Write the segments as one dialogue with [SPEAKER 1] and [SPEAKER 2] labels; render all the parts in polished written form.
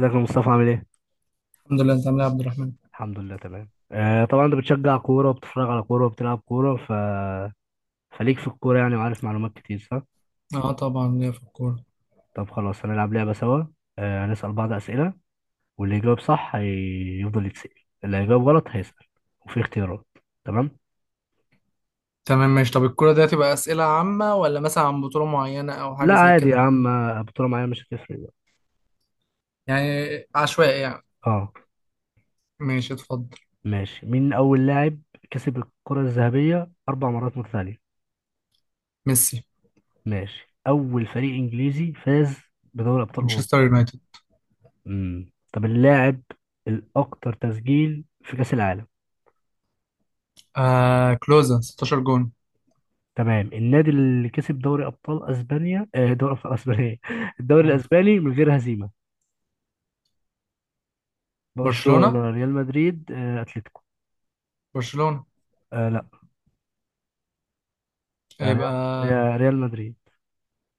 [SPEAKER 1] ازيك يا مصطفى؟ عامل ايه؟
[SPEAKER 2] الحمد لله، انت عامل ايه يا عبد الرحمن؟
[SPEAKER 1] الحمد لله تمام. آه طبعا، انت بتشجع كورة وبتتفرج على كورة وبتلعب كورة فليك في الكورة يعني، وعارف معلومات كتير، صح؟
[SPEAKER 2] اه، طبعا ليا في الكوره.
[SPEAKER 1] طب خلاص هنلعب لعبة سوا. آه، هنسأل بعض أسئلة، واللي يجاوب صح هيفضل يتسأل، اللي هيجاوب غلط هيسأل، وفي اختيارات. تمام؟
[SPEAKER 2] تمام ماشي. طب الكوره ده تبقى اسئله عامه ولا مثلا عن بطوله معينه او
[SPEAKER 1] لا
[SPEAKER 2] حاجه زي
[SPEAKER 1] عادي يا
[SPEAKER 2] كده؟
[SPEAKER 1] عم. آه، بطولة معايا مش هتفرق بقى.
[SPEAKER 2] يعني عشوائي يعني.
[SPEAKER 1] اه
[SPEAKER 2] ماشي اتفضل.
[SPEAKER 1] ماشي. مين أول لاعب كسب الكرة الذهبية أربع مرات متتالية؟
[SPEAKER 2] ميسي.
[SPEAKER 1] ماشي. أول فريق إنجليزي فاز بدوري أبطال أوروبا؟
[SPEAKER 2] مانشستر يونايتد.
[SPEAKER 1] مم. طب اللاعب الأكثر تسجيل في كأس العالم؟
[SPEAKER 2] كلوزا 16 جون.
[SPEAKER 1] تمام. النادي اللي كسب دوري أبطال أسبانيا، آه، دوري أبطال أسبانيا إيه؟ الدوري
[SPEAKER 2] مم.
[SPEAKER 1] الأسباني من غير هزيمة.
[SPEAKER 2] برشلونه،
[SPEAKER 1] برشلونة، ريال مدريد، آه، أتلتيكو.
[SPEAKER 2] برشلونه.
[SPEAKER 1] آه لا. آه،
[SPEAKER 2] يبقى.
[SPEAKER 1] ريال مدريد.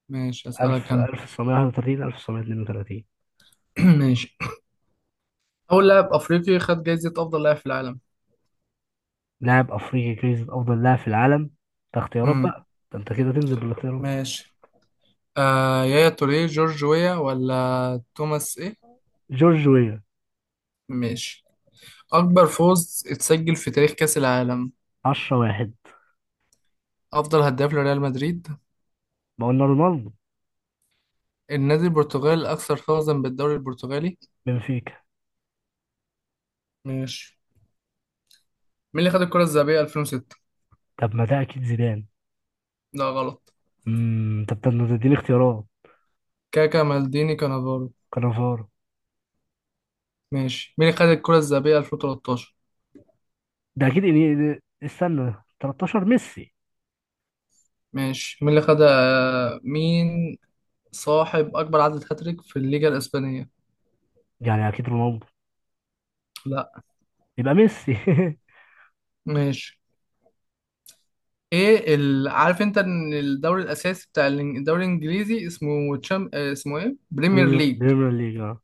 [SPEAKER 2] ماشي اسالك
[SPEAKER 1] 1000،
[SPEAKER 2] انا.
[SPEAKER 1] 1931، 1932.
[SPEAKER 2] ماشي. اول لاعب افريقي خد جايزه افضل لاعب في العالم؟
[SPEAKER 1] لاعب أفريقي جايزة أفضل لاعب في العالم. ده اختيارات
[SPEAKER 2] امم
[SPEAKER 1] بقى، ده أنت كده تنزل بالاختيارات.
[SPEAKER 2] ماشي. يايا توريه، جورج ويا، ولا توماس ايه؟
[SPEAKER 1] جورج ويا.
[SPEAKER 2] ماشي. أكبر فوز اتسجل في تاريخ كأس العالم؟
[SPEAKER 1] 10 واحد.
[SPEAKER 2] أفضل هداف لريال مدريد؟
[SPEAKER 1] ما قلنا رونالدو.
[SPEAKER 2] النادي البرتغالي الأكثر فوزا بالدوري البرتغالي؟
[SPEAKER 1] بنفيكا.
[SPEAKER 2] ماشي. مين اللي خد الكرة الذهبية 2006؟
[SPEAKER 1] طب ما ده أكيد زيدان.
[SPEAKER 2] لا، غلط.
[SPEAKER 1] امم. طب ما تديني اختيارات.
[SPEAKER 2] كاكا، مالديني، كانافارو؟
[SPEAKER 1] كانافارو.
[SPEAKER 2] ماشي. مين اللي خد الكرة الذهبية 2013؟
[SPEAKER 1] ده اكيد استنى. 13 ميسي.
[SPEAKER 2] ماشي. مين اللي خد آه، مين صاحب أكبر عدد هاتريك في الليجا الإسبانية؟
[SPEAKER 1] يعني اكيد رونالدو.
[SPEAKER 2] لا.
[SPEAKER 1] يبقى ميسي
[SPEAKER 2] ماشي. عارف انت ان الدوري الاساسي بتاع الدوري الانجليزي اسمه تشام... آه، اسمه ايه بريمير
[SPEAKER 1] بريمير
[SPEAKER 2] ليج؟
[SPEAKER 1] بريمير ليج اه.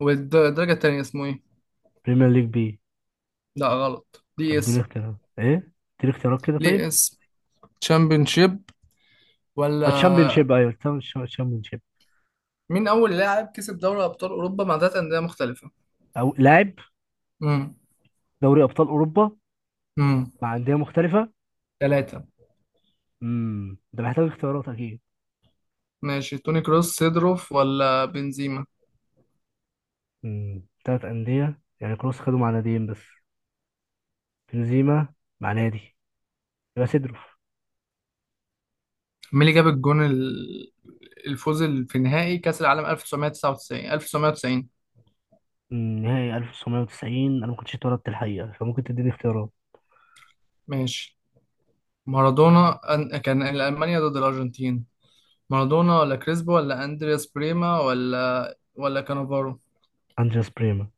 [SPEAKER 2] والدرجة التانية اسمه ايه؟
[SPEAKER 1] بريمير ليج بي.
[SPEAKER 2] لا غلط.
[SPEAKER 1] طب
[SPEAKER 2] ليه
[SPEAKER 1] اديني
[SPEAKER 2] اسم.
[SPEAKER 1] اختيارات ايه. اديني اختيارات كده طيب.
[SPEAKER 2] ليه اسم تشامبيونشيب ولا.
[SPEAKER 1] الشامبيون شيب، ايوه، الشامبيون شيب.
[SPEAKER 2] مين أول لاعب كسب دوري أبطال أوروبا مع تلات أندية مختلفة؟
[SPEAKER 1] او لاعب.
[SPEAKER 2] امم
[SPEAKER 1] دوري ابطال اوروبا.
[SPEAKER 2] امم
[SPEAKER 1] مع انديه مختلفه.
[SPEAKER 2] ثلاثة.
[SPEAKER 1] امم، ده محتاج اختيارات اكيد.
[SPEAKER 2] ماشي، توني كروس، سيدروف، ولا بنزيما؟
[SPEAKER 1] امم، ثلاث انديه. يعني كروس خدوا مع ناديين بس. بنزيما مع نادي. يبقى سيدروف.
[SPEAKER 2] مين اللي جاب الفوز في نهائي كأس العالم 1999، 1990؟
[SPEAKER 1] أمم، نهائي 1990 انا ما كنتش اتولدت الحقيقه، فممكن تديني اختيارات.
[SPEAKER 2] ماشي. مارادونا كان ألمانيا ضد الأرجنتين. مارادونا، ولا كريسبو، ولا أندرياس بريما، ولا كانافارو؟
[SPEAKER 1] انجاس بريما.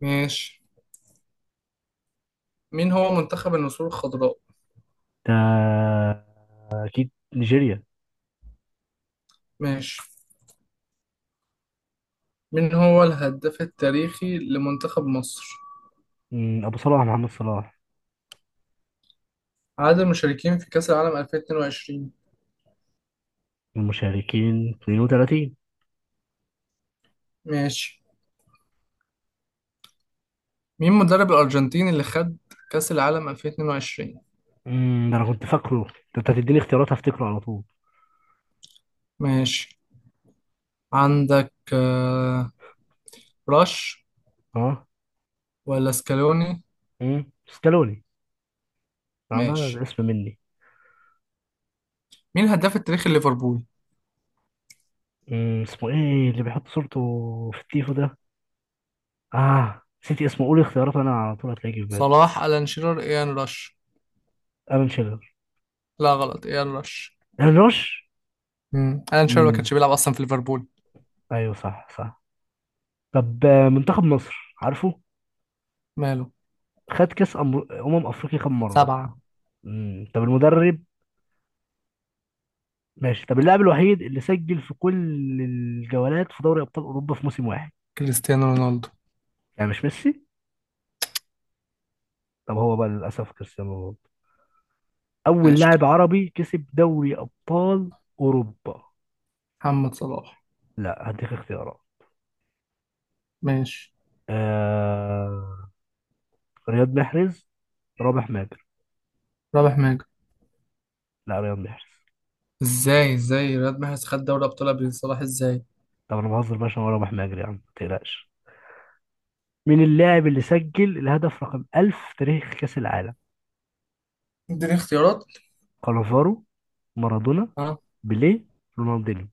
[SPEAKER 2] ماشي. مين هو منتخب النسور الخضراء؟
[SPEAKER 1] ده أكيد نيجيريا.
[SPEAKER 2] ماشي. من هو الهداف التاريخي لمنتخب مصر؟
[SPEAKER 1] مم، أبو صلاح، محمد صلاح.
[SPEAKER 2] عدد المشاركين في كأس العالم 2022؟
[SPEAKER 1] المشاركين 32.
[SPEAKER 2] ماشي. مين مدرب الأرجنتين اللي خد كأس العالم 2022؟
[SPEAKER 1] مم، ده أنا كنت فاكره ده. أنت هتديني اختيارات هفتكره على طول.
[SPEAKER 2] ماشي. عندك راش
[SPEAKER 1] أه.
[SPEAKER 2] ولا سكالوني؟
[SPEAKER 1] مم، ستالوني. أنا ده
[SPEAKER 2] ماشي.
[SPEAKER 1] الاسم مني.
[SPEAKER 2] مين الهداف التاريخي لليفربول؟
[SPEAKER 1] مم، اسمه إيه اللي بيحط صورته في التيفو ده. آه نسيت اسمه، قولي اختيارات أنا على طول هتلاقيه في بالي.
[SPEAKER 2] صلاح، ألان شيرر، إيان راش؟
[SPEAKER 1] ألان شيرر.
[SPEAKER 2] لا غلط، إيان راش.
[SPEAKER 1] ألان روش.
[SPEAKER 2] مم. ألان شيرر ما
[SPEAKER 1] مم،
[SPEAKER 2] كانش بيلعب أصلا في ليفربول.
[SPEAKER 1] أيوه صح. طب منتخب مصر عارفه
[SPEAKER 2] ماله.
[SPEAKER 1] خد كأس أمم أفريقيا كام مرة؟
[SPEAKER 2] سبعة.
[SPEAKER 1] مم، طب المدرب. ماشي. طب اللاعب الوحيد اللي سجل في كل الجولات في دوري ابطال اوروبا في موسم واحد.
[SPEAKER 2] كريستيانو رونالدو.
[SPEAKER 1] يعني مش ميسي؟ طب هو بقى للاسف كريستيانو رونالدو. اول
[SPEAKER 2] ماشي.
[SPEAKER 1] لاعب عربي كسب دوري ابطال اوروبا.
[SPEAKER 2] محمد صلاح.
[SPEAKER 1] لا هديك اختيارات.
[SPEAKER 2] ماشي.
[SPEAKER 1] آه... رياض محرز، رابح ماجر.
[SPEAKER 2] رابح ماجد.
[SPEAKER 1] لا رياض محرز.
[SPEAKER 2] ازاي رياض محرز خد دوري ابطال قبل صلاح ازاي؟
[SPEAKER 1] طب انا بهزر بقى، عشان هو رابح ماجر، يا عم ما تقلقش. مين اللاعب اللي سجل الهدف رقم 1000 في تاريخ كاس العالم؟
[SPEAKER 2] اديني اختيارات.
[SPEAKER 1] كانافارو، مارادونا،
[SPEAKER 2] اه.
[SPEAKER 1] بيليه، رونالدو.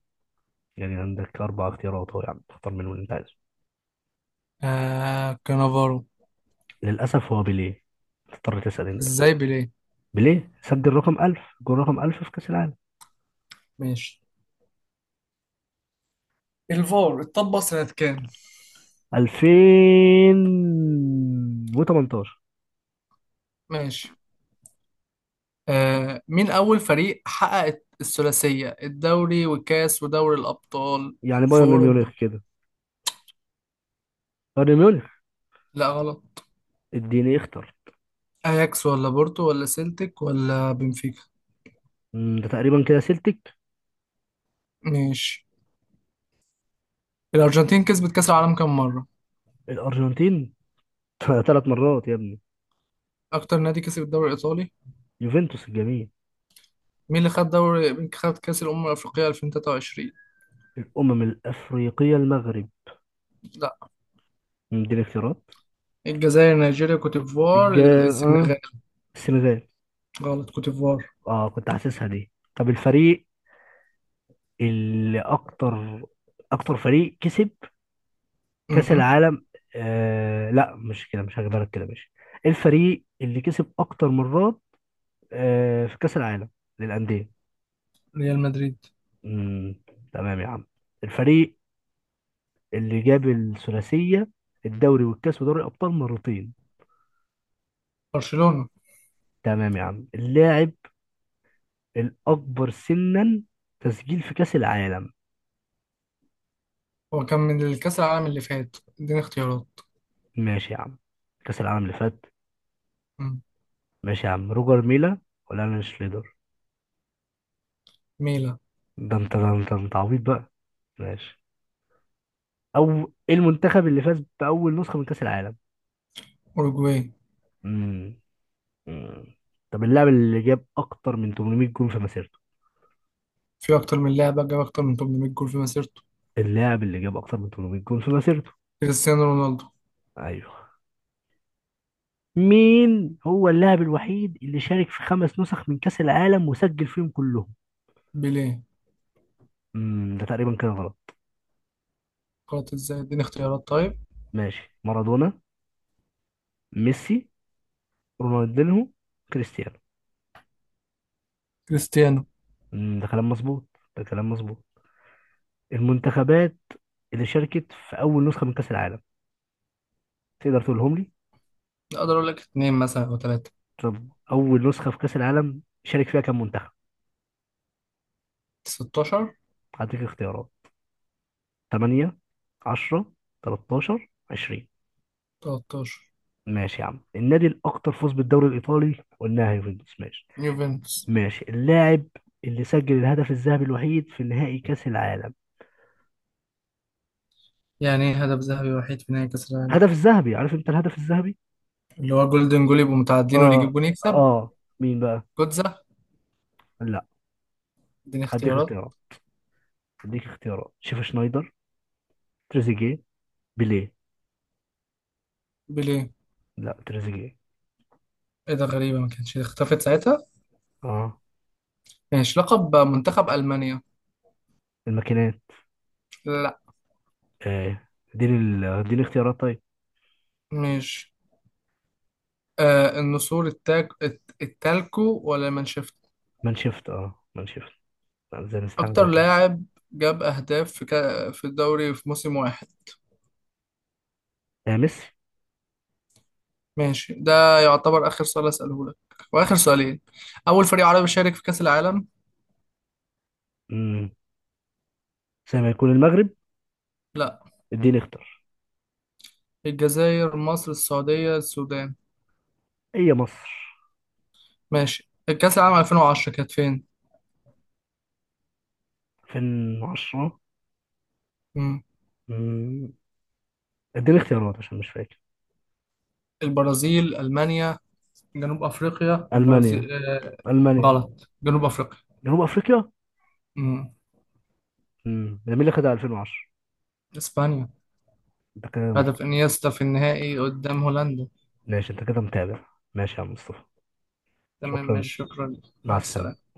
[SPEAKER 1] يعني عندك أربع اختيارات أهو، يعني تختار منهم اللي أنت عايزه.
[SPEAKER 2] كانافارو.
[SPEAKER 1] للأسف هو بيليه. تضطر تسأل أنت.
[SPEAKER 2] ازاي بيليه؟
[SPEAKER 1] بيليه سجل رقم 1000، جول رقم 1000 في كأس العالم.
[SPEAKER 2] ماشي. الفار اتطبق سنة كام؟
[SPEAKER 1] 2018.
[SPEAKER 2] ماشي. مين اول فريق حقق الثلاثية، الدوري والكاس ودوري الابطال
[SPEAKER 1] يعني
[SPEAKER 2] في
[SPEAKER 1] بايرن ميونخ
[SPEAKER 2] اوروبا؟
[SPEAKER 1] كده، بايرن ميونخ.
[SPEAKER 2] لا غلط.
[SPEAKER 1] اديني اختر.
[SPEAKER 2] اياكس، ولا بورتو، ولا سيلتيك، ولا بنفيكا؟
[SPEAKER 1] مم، ده تقريبا كده سيلتيك.
[SPEAKER 2] ماشي. الارجنتين كسبت كاس العالم كام مرة؟
[SPEAKER 1] الأرجنتين ثلاث مرات يا ابني.
[SPEAKER 2] اكتر نادي كسب الدوري الايطالي؟
[SPEAKER 1] يوفنتوس الجميل.
[SPEAKER 2] مين خد كاس الامم الافريقية 2023؟
[SPEAKER 1] الأمم الأفريقية المغرب. مم، اديني اختيارات.
[SPEAKER 2] الجزائر، نيجيريا، كوت ديفوار،
[SPEAKER 1] الجا... آه.
[SPEAKER 2] السنغال؟
[SPEAKER 1] السنغال.
[SPEAKER 2] غلط، كوت ديفوار.
[SPEAKER 1] اه كنت حاسسها دي. طب الفريق اللي اكتر، اكتر فريق كسب كاس
[SPEAKER 2] مهم.
[SPEAKER 1] العالم آه لا مش كده، مش هجيبها لك كده. ماشي، الفريق اللي كسب اكتر مرات، آه، في كاس العالم، للانديه.
[SPEAKER 2] ريال مدريد.
[SPEAKER 1] امم. تمام يا عم. الفريق اللي جاب الثلاثيه، الدوري والكاس ودوري الابطال، مرتين.
[SPEAKER 2] برشلونة.
[SPEAKER 1] تمام يا عم. اللاعب الاكبر سنا تسجيل في كاس العالم.
[SPEAKER 2] هو كان من الكأس العالم اللي فات، اديني اختيارات.
[SPEAKER 1] ماشي يا عم، كاس العالم اللي فات.
[SPEAKER 2] مم.
[SPEAKER 1] ماشي يا عم. روجر ميلا ولا انا شليدر.
[SPEAKER 2] ميلا.
[SPEAKER 1] ده انت ده انت ده انت عبيط بقى. ماشي. او ايه المنتخب اللي فاز باول نسخه من كاس العالم.
[SPEAKER 2] أوروجواي.
[SPEAKER 1] امم. أمم. طب اللاعب اللي جاب اكتر من 800 جون في مسيرته.
[SPEAKER 2] في أكتر من لاعب جاب أكتر من 800 جول في مسيرته.
[SPEAKER 1] اللاعب اللي جاب اكتر من 800 جون في مسيرته.
[SPEAKER 2] كريستيانو رونالدو.
[SPEAKER 1] ايوه. مين هو اللاعب الوحيد اللي شارك في خمس نسخ من كاس العالم وسجل فيهم كلهم؟
[SPEAKER 2] بيليه.
[SPEAKER 1] امم، ده تقريبا كده غلط.
[SPEAKER 2] غلط، إزاي؟ اديني اختيارات طيب.
[SPEAKER 1] ماشي. مارادونا، ميسي، رونالدينهو، كريستيانو.
[SPEAKER 2] كريستيانو.
[SPEAKER 1] امم، ده كلام مظبوط، ده كلام مظبوط. المنتخبات اللي شاركت في اول نسخه من كاس العالم تقدر تقولهم لي؟
[SPEAKER 2] أقدر أقول لك اتنين مثلا أو تلاتة.
[SPEAKER 1] طب أول نسخة في كأس العالم شارك فيها كام منتخب؟
[SPEAKER 2] 16.
[SPEAKER 1] هديك اختيارات. 8، 10، 13، 20.
[SPEAKER 2] 13.
[SPEAKER 1] ماشي يا عم. النادي الأكثر فوز بالدوري الإيطالي قلناها يوفنتوس، ماشي.
[SPEAKER 2] يوفنتوس.
[SPEAKER 1] ماشي. اللاعب اللي سجل الهدف الذهبي الوحيد في نهائي كأس العالم.
[SPEAKER 2] يعني إيه هدف ذهبي وحيد في نهائي كأس العالم؟
[SPEAKER 1] هدف الذهبي، عارف أنت الهدف الذهبي؟
[SPEAKER 2] اللي هو جولدن جول، يبقوا متعادلين واللي يجيب
[SPEAKER 1] آه،
[SPEAKER 2] جول يكسب.
[SPEAKER 1] آه. مين بقى؟
[SPEAKER 2] جوتزا.
[SPEAKER 1] لا،
[SPEAKER 2] اديني
[SPEAKER 1] هديك
[SPEAKER 2] اختيارات.
[SPEAKER 1] اختيارات. هديك اختيارات. شيف شنايدر، تريزيجيه، بيليه.
[SPEAKER 2] بيليه.
[SPEAKER 1] لا تريزيجيه.
[SPEAKER 2] ايه ده، غريبة ما كانتش اختفت ساعتها.
[SPEAKER 1] اه.
[SPEAKER 2] ماشي. لقب منتخب ألمانيا؟
[SPEAKER 1] الماكينات.
[SPEAKER 2] لا.
[SPEAKER 1] آه. اديني اختيارات طيب.
[SPEAKER 2] ماشي. النسور، التالكو ولا مانشفت؟
[SPEAKER 1] مان شيفت، اه مان شيفت. زي
[SPEAKER 2] أكتر
[SPEAKER 1] مستحمزة كده.
[SPEAKER 2] لاعب جاب أهداف في الدوري في موسم واحد؟
[SPEAKER 1] يا مصر.
[SPEAKER 2] ماشي. ده يعتبر آخر سؤال أسأله لك، وآخر سؤالين. أول فريق عربي شارك في كأس العالم؟
[SPEAKER 1] امم، زي ما يكون المغرب.
[SPEAKER 2] لا.
[SPEAKER 1] اديني اختار.
[SPEAKER 2] الجزائر، مصر، السعودية، السودان؟
[SPEAKER 1] هي مصر.
[SPEAKER 2] ماشي. الكأس العالم 2010 كانت فين؟
[SPEAKER 1] 2010.
[SPEAKER 2] مم.
[SPEAKER 1] امم. اديني اختيارات عشان مش فاكر.
[SPEAKER 2] البرازيل، ألمانيا، جنوب أفريقيا،
[SPEAKER 1] المانيا،
[SPEAKER 2] البرازيل؟
[SPEAKER 1] المانيا.
[SPEAKER 2] غلط، جنوب أفريقيا.
[SPEAKER 1] جنوب افريقيا.
[SPEAKER 2] مم.
[SPEAKER 1] امم. ده مين اللي خدها 2010؟
[SPEAKER 2] اسبانيا.
[SPEAKER 1] انت كده محترم.
[SPEAKER 2] هدف انيستا في النهائي قدام هولندا.
[SPEAKER 1] ماشي، انت كده متابع. ماشي يا عم مصطفى.
[SPEAKER 2] تمام
[SPEAKER 1] شكرا.
[SPEAKER 2] ماشي، شكرا.
[SPEAKER 1] مع
[SPEAKER 2] مع
[SPEAKER 1] السلامة.
[SPEAKER 2] السلامة.